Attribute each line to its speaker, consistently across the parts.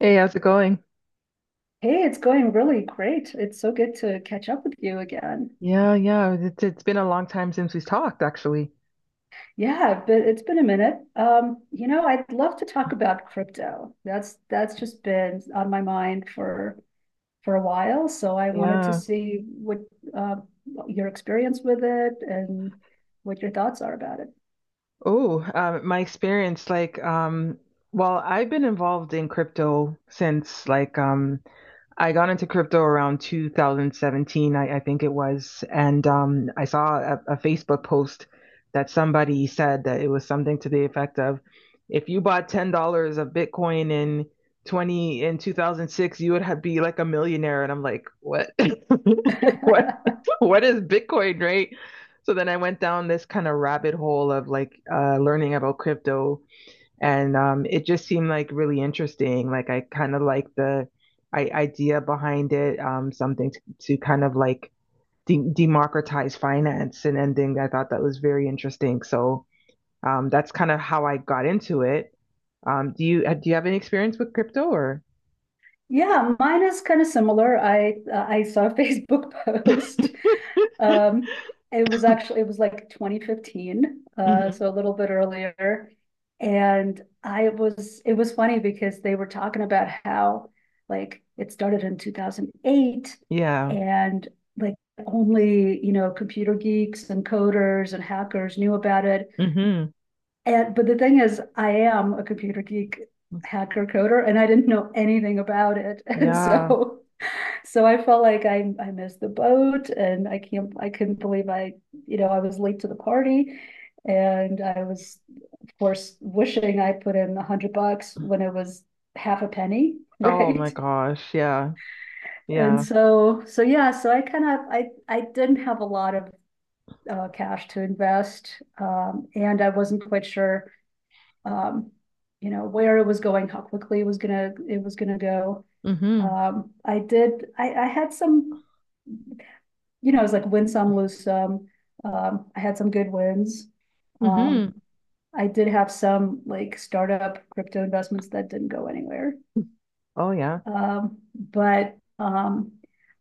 Speaker 1: Hey, how's it going?
Speaker 2: Hey, it's going really great. It's so good to catch up with you again.
Speaker 1: Yeah, yeah. It's been a long time since we've talked, actually.
Speaker 2: Yeah, but it's been a minute. You know, I'd love to talk about crypto. That's just been on my mind for a while. So I wanted to
Speaker 1: Yeah.
Speaker 2: see what uh, your experience with it and what your thoughts are about
Speaker 1: Oh, my experience, I've been involved in crypto since like I got into crypto around 2017, I think it was, and I saw a Facebook post that somebody said that it was something to the effect of, if you bought $10 of Bitcoin in 20 in 2006, you would have be like a millionaire. And I'm like, what?
Speaker 2: it.
Speaker 1: What? What is Bitcoin, right? So then I went down this kind of rabbit hole of like learning about crypto and it just seemed like really interesting. Like I kind of like the idea behind it, something to kind of like democratize finance and ending. I thought that was very interesting. So that's kind of how I got into it. Do you have any experience with crypto or?
Speaker 2: Yeah, mine is kind of similar. I saw a Facebook post. Um, it was actually it was like 2015,
Speaker 1: Hmm.
Speaker 2: so a little bit earlier. And I was it was funny because they were talking about how like it started in 2008
Speaker 1: Yeah.
Speaker 2: and like only, you know, computer geeks and coders and hackers knew about it.
Speaker 1: Hmm.
Speaker 2: And but the thing is, I am a computer geek hacker coder and I didn't know anything about it. And
Speaker 1: Yeah.
Speaker 2: so I felt like I missed the boat and I can't I couldn't believe you know, I was late to the party and I was of course wishing I put in 100 bucks when it was half a penny,
Speaker 1: Oh
Speaker 2: right?
Speaker 1: my gosh. Yeah.
Speaker 2: And
Speaker 1: Yeah.
Speaker 2: so yeah, so I kind of I didn't have a lot of cash to invest, and I wasn't quite sure, um, you know, where it was going, how quickly it was gonna go.
Speaker 1: Hmm.
Speaker 2: I did I had some, you know, it was like win some, lose some. I had some good wins. Um,
Speaker 1: Hmm.
Speaker 2: I did have some like startup crypto investments that didn't go anywhere.
Speaker 1: Oh yeah.
Speaker 2: But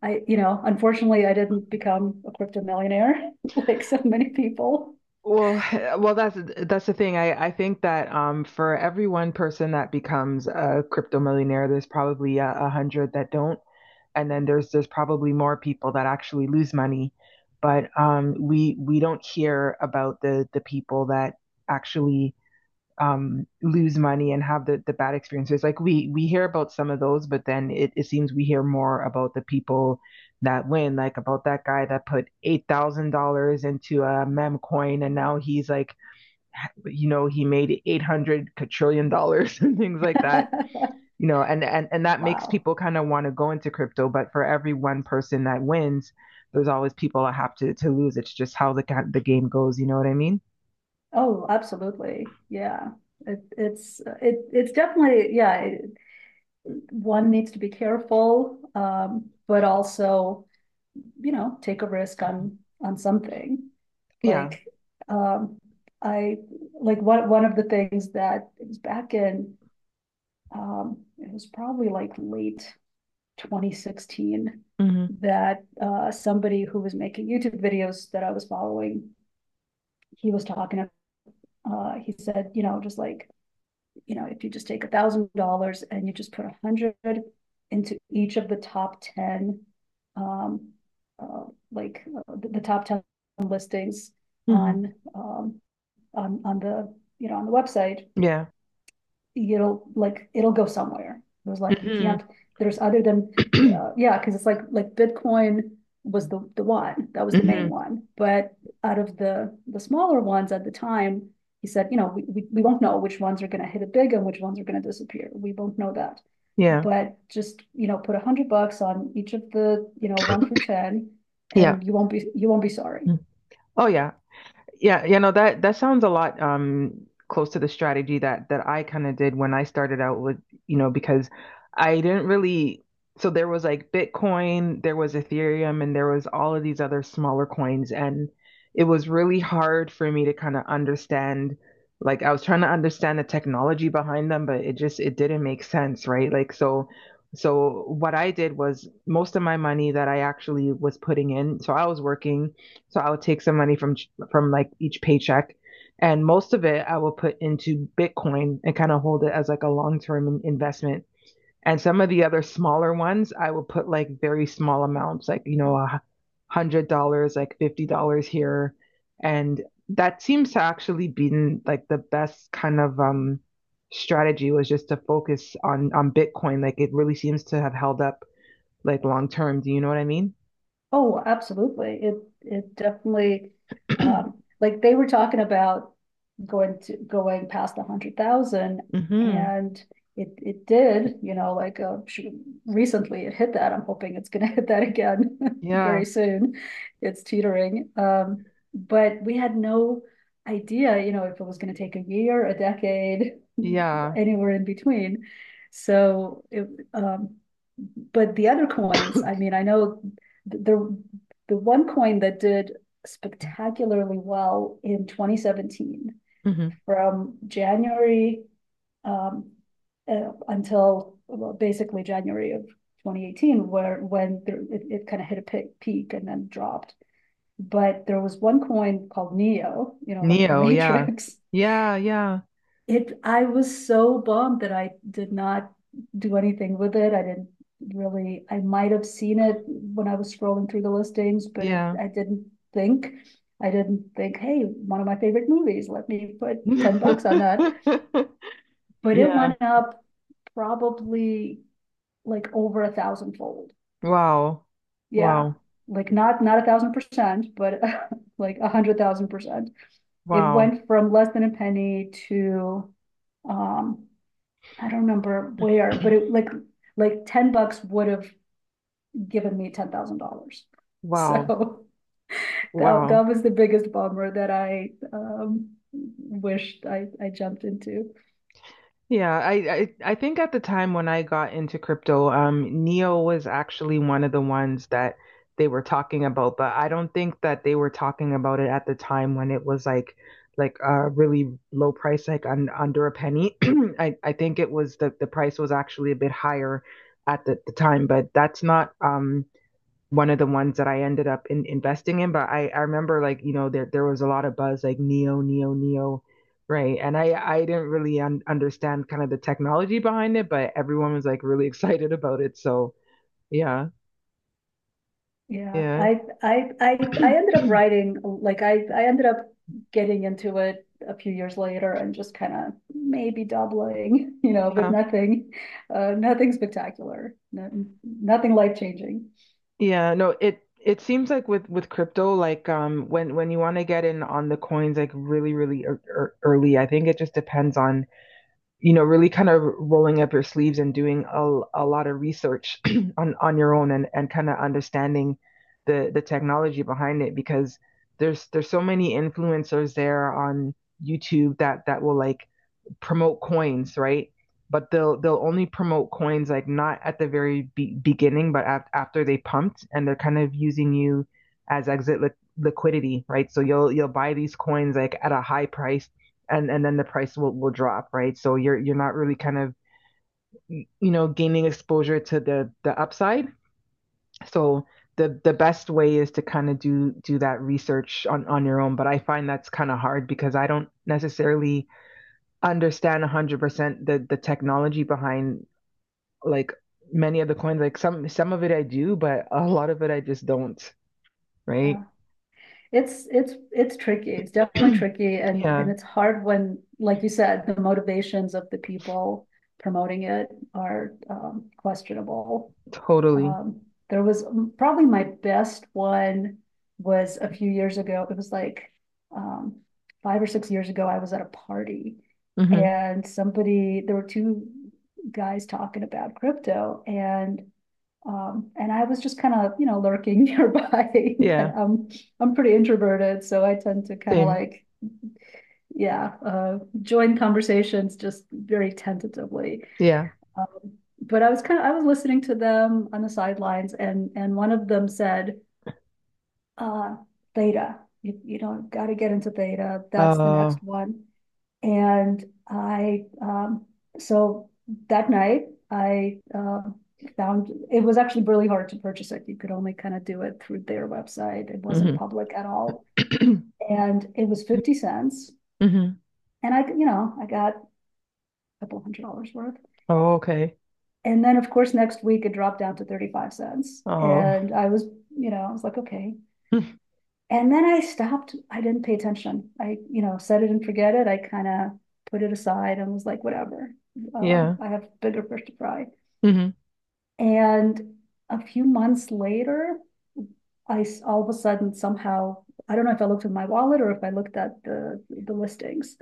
Speaker 2: I, you know, unfortunately, I didn't become a crypto millionaire like so many people.
Speaker 1: Well, well, that's the thing. I think that for every one person that becomes a crypto millionaire, there's probably a hundred that don't, and then there's probably more people that actually lose money. But we don't hear about the people that actually lose money and have the bad experiences. Like we hear about some of those, but then it seems we hear more about the people that win, like about that guy that put $8,000 into a mem coin and now he's like, you know, he made 800 quadrillion dollars and things like that. And and that makes
Speaker 2: Wow.
Speaker 1: people kind of want to go into crypto. But for every one person that wins, there's always people that have to lose. It's just how the game goes. You know what I mean?
Speaker 2: Oh, absolutely. Yeah. It's definitely yeah, one needs to be careful, but also you know take a risk
Speaker 1: Mhm.
Speaker 2: on something
Speaker 1: Yeah.
Speaker 2: like um I like one of the things that it was back in it was probably like late 2016
Speaker 1: Hmm.
Speaker 2: that somebody who was making YouTube videos that I was following he was talking he said, you know, just like, you know, if you just take $1,000 and you just put a hundred into each of the top ten, um, uh, the top ten listings
Speaker 1: Hmm.
Speaker 2: on, on you know, on the website,
Speaker 1: Yeah.
Speaker 2: it'll go somewhere. It was like you
Speaker 1: Hmm.
Speaker 2: can't. There's other than yeah, because it's like Bitcoin was the one that was the
Speaker 1: Hmm.
Speaker 2: main one, but out of the smaller ones at the time, he said, you know, we won't know which ones are going to hit it big and which ones are going to disappear. We won't know that.
Speaker 1: Yeah.
Speaker 2: But just you know, put 100 bucks on each of the you know one through ten,
Speaker 1: Yeah.
Speaker 2: and you won't be sorry.
Speaker 1: Mm. Oh, yeah. Yeah, you know that that sounds a lot close to the strategy that that I kind of did when I started out with, you know, because I didn't really so there was like Bitcoin, there was Ethereum, and there was all of these other smaller coins and it was really hard for me to kind of understand like I was trying to understand the technology behind them, but it just it didn't make sense, right? Like so so what I did was most of my money that I actually was putting in, so I was working so I would take some money from like each paycheck. And most of it I will put into Bitcoin and kind of hold it as like a long term investment. And some of the other smaller ones, I will put like very small amounts, like, you know, $100, like $50 here. And that seems to actually been like the best kind of strategy was just to focus on Bitcoin. Like it really seems to have held up like long term. Do you know what I mean?
Speaker 2: Oh, absolutely. It definitely like they were talking about going past a hundred thousand
Speaker 1: hmm
Speaker 2: and it did, you know, like recently it hit that. I'm hoping it's gonna hit that again
Speaker 1: Yeah.
Speaker 2: very soon. It's teetering. But we had no idea, you know, if it was gonna take a year, a decade,
Speaker 1: Yeah.
Speaker 2: anywhere in between. So it um but the other coins, I mean, I know the the one coin that did spectacularly well in 2017
Speaker 1: Mhm.
Speaker 2: from January, um, until well, basically January of 2018, where it kind of hit a peak and then dropped. But there was one coin called Neo, you know, like in the
Speaker 1: Neo, yeah.
Speaker 2: Matrix,
Speaker 1: Yeah, yeah,
Speaker 2: I was so bummed that I did not do anything with it. I didn't really, I might have seen it when I was scrolling through the listings, but it,
Speaker 1: yeah.
Speaker 2: I didn't think. I didn't think, hey, one of my favorite movies, let me put 10 bucks on that. But it
Speaker 1: Yeah.
Speaker 2: went up probably like over a thousand fold.
Speaker 1: Wow.
Speaker 2: Yeah.
Speaker 1: Wow.
Speaker 2: Like not 1,000%, but like 100,000%. It
Speaker 1: Wow.
Speaker 2: went from less than a penny to um I don't remember where, but it like 10 bucks would have given me $10,000.
Speaker 1: Wow.
Speaker 2: So that
Speaker 1: Wow.
Speaker 2: that was the biggest bummer that I wished I jumped into.
Speaker 1: Yeah, I think at the time when I got into crypto, Neo was actually one of the ones that they were talking about, but I don't think that they were talking about it at the time when it was like a really low price, like under a penny. I think it was the price was actually a bit higher at the time, but that's not one of the ones that I ended up investing in. But I remember like, you know, there was a lot of buzz like Neo, Neo, Neo, right? And I didn't really un understand kind of the technology behind it, but everyone was like really excited about it. So yeah,
Speaker 2: Yeah,
Speaker 1: yeah.
Speaker 2: I ended up writing like I ended up getting into it a few years later and just kind of maybe doubling, you know, but
Speaker 1: Yeah.
Speaker 2: nothing nothing spectacular, no, nothing life-changing.
Speaker 1: Yeah, no, it seems like with crypto, like when you want to get in on the coins like really really early, I think it just depends on you know, really kind of rolling up your sleeves and doing a lot of research on your own and kind of understanding the technology behind it because there's so many influencers there on YouTube that that will like promote coins, right? But they'll only promote coins like not at the very beginning, but after they pumped, and they're kind of using you as exit liquidity, right? So you'll buy these coins like at a high price, and then the price will drop, right? So you're not really kind of you know gaining exposure to the upside. So the best way is to kind of do that research on your own. But I find that's kind of hard because I don't necessarily understand 100% the technology behind like many of the coins like some of it I do but a lot of it I just don't right
Speaker 2: Yeah. It's tricky. It's definitely tricky
Speaker 1: yeah
Speaker 2: and it's hard when, like you said, the motivations of the people promoting it are questionable.
Speaker 1: totally
Speaker 2: Um, there was probably my best one was a few years ago. It was like, um, 5 or 6 years ago. I was at a party
Speaker 1: hmm
Speaker 2: and somebody there were two guys talking about crypto and, and I was just kind of, you know, lurking nearby. Kind
Speaker 1: yeah
Speaker 2: of, I'm pretty introverted, so I tend to kind of
Speaker 1: same
Speaker 2: like, yeah, join conversations just very tentatively.
Speaker 1: yeah
Speaker 2: Um, but I was kind of, I was listening to them on the sidelines, and one of them said, uh, "Theta, you know, got to get into theta. That's the
Speaker 1: uh
Speaker 2: next one." And so that night, I found it was actually really hard to purchase it. You could only kind of do it through their website. It wasn't
Speaker 1: hmm
Speaker 2: public at all. And it was 50 cents.
Speaker 1: hmm
Speaker 2: And I, you know, I got a couple $100 worth.
Speaker 1: oh okay
Speaker 2: And then, of course, next week it dropped down to 35 cents.
Speaker 1: oh
Speaker 2: And I was, you know, I was like, okay, and then I stopped, I didn't pay attention. I, you know, set it and forget it. I kind of put it aside and was like, whatever.
Speaker 1: yeah
Speaker 2: I have bigger fish to fry.
Speaker 1: hmm
Speaker 2: And a few months later, I all of a sudden somehow, I don't know if I looked at my wallet or if I looked at the listings.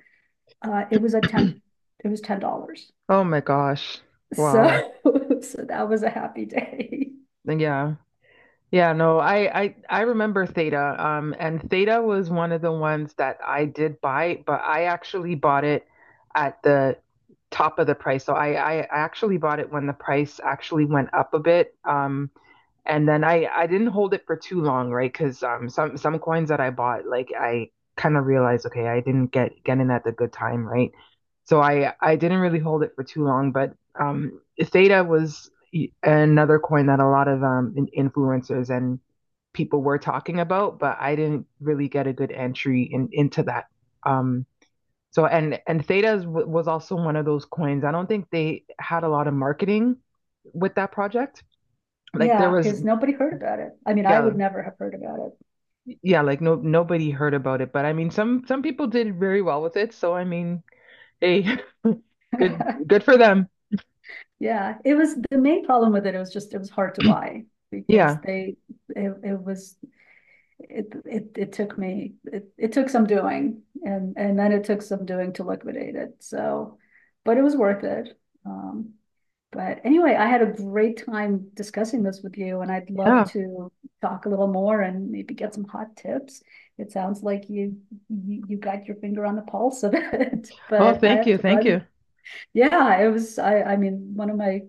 Speaker 2: Uh, it was a ten, it was $10.
Speaker 1: oh my gosh
Speaker 2: So,
Speaker 1: wow
Speaker 2: so that was a happy day.
Speaker 1: yeah Yeah, no, I remember Theta. And Theta was one of the ones that I did buy, but I actually bought it at the top of the price. So I actually bought it when the price actually went up a bit. And then I didn't hold it for too long, right? Because some coins that I bought, like I kind of realized, okay, I didn't get in at the good time, right? So I didn't really hold it for too long, but Theta was another coin that a lot of influencers and people were talking about, but I didn't really get a good entry in into that. Um so and Theta was also one of those coins. I don't think they had a lot of marketing with that project. Like there
Speaker 2: Yeah,
Speaker 1: was
Speaker 2: because nobody heard about it. I mean, I
Speaker 1: yeah.
Speaker 2: would never have heard about
Speaker 1: Yeah, like no nobody heard about it, but I mean some people did very well with it, so I mean, hey,
Speaker 2: it.
Speaker 1: good for them.
Speaker 2: Yeah, it was the main problem with it. It was just it was hard to buy because
Speaker 1: Yeah.
Speaker 2: they it, it was it, it it took me it took some doing and then it took some doing to liquidate it. So, but it was worth it. Um, but anyway, I had a great time discussing this with you, and I'd love
Speaker 1: Yeah.
Speaker 2: to talk a little more and maybe get some hot tips. It sounds like you got your finger on the pulse of it,
Speaker 1: Oh,
Speaker 2: but I
Speaker 1: thank
Speaker 2: have
Speaker 1: you.
Speaker 2: to
Speaker 1: Thank
Speaker 2: run
Speaker 1: you.
Speaker 2: yeah, it was, I mean, one of my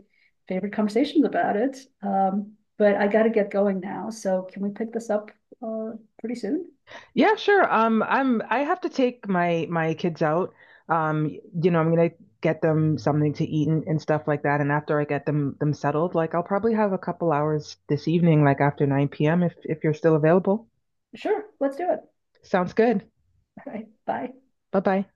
Speaker 2: favorite conversations about it. But I got to get going now. So can we pick this up uh, pretty soon?
Speaker 1: Yeah, sure. I'm I have to take my my kids out. Um you know, I'm gonna get them something to eat and stuff like that, and after I get them them settled, like I'll probably have a couple hours this evening, like after 9 p.m. If you're still available.
Speaker 2: Sure, let's do it.
Speaker 1: Sounds good.
Speaker 2: All right, bye.
Speaker 1: Bye-bye.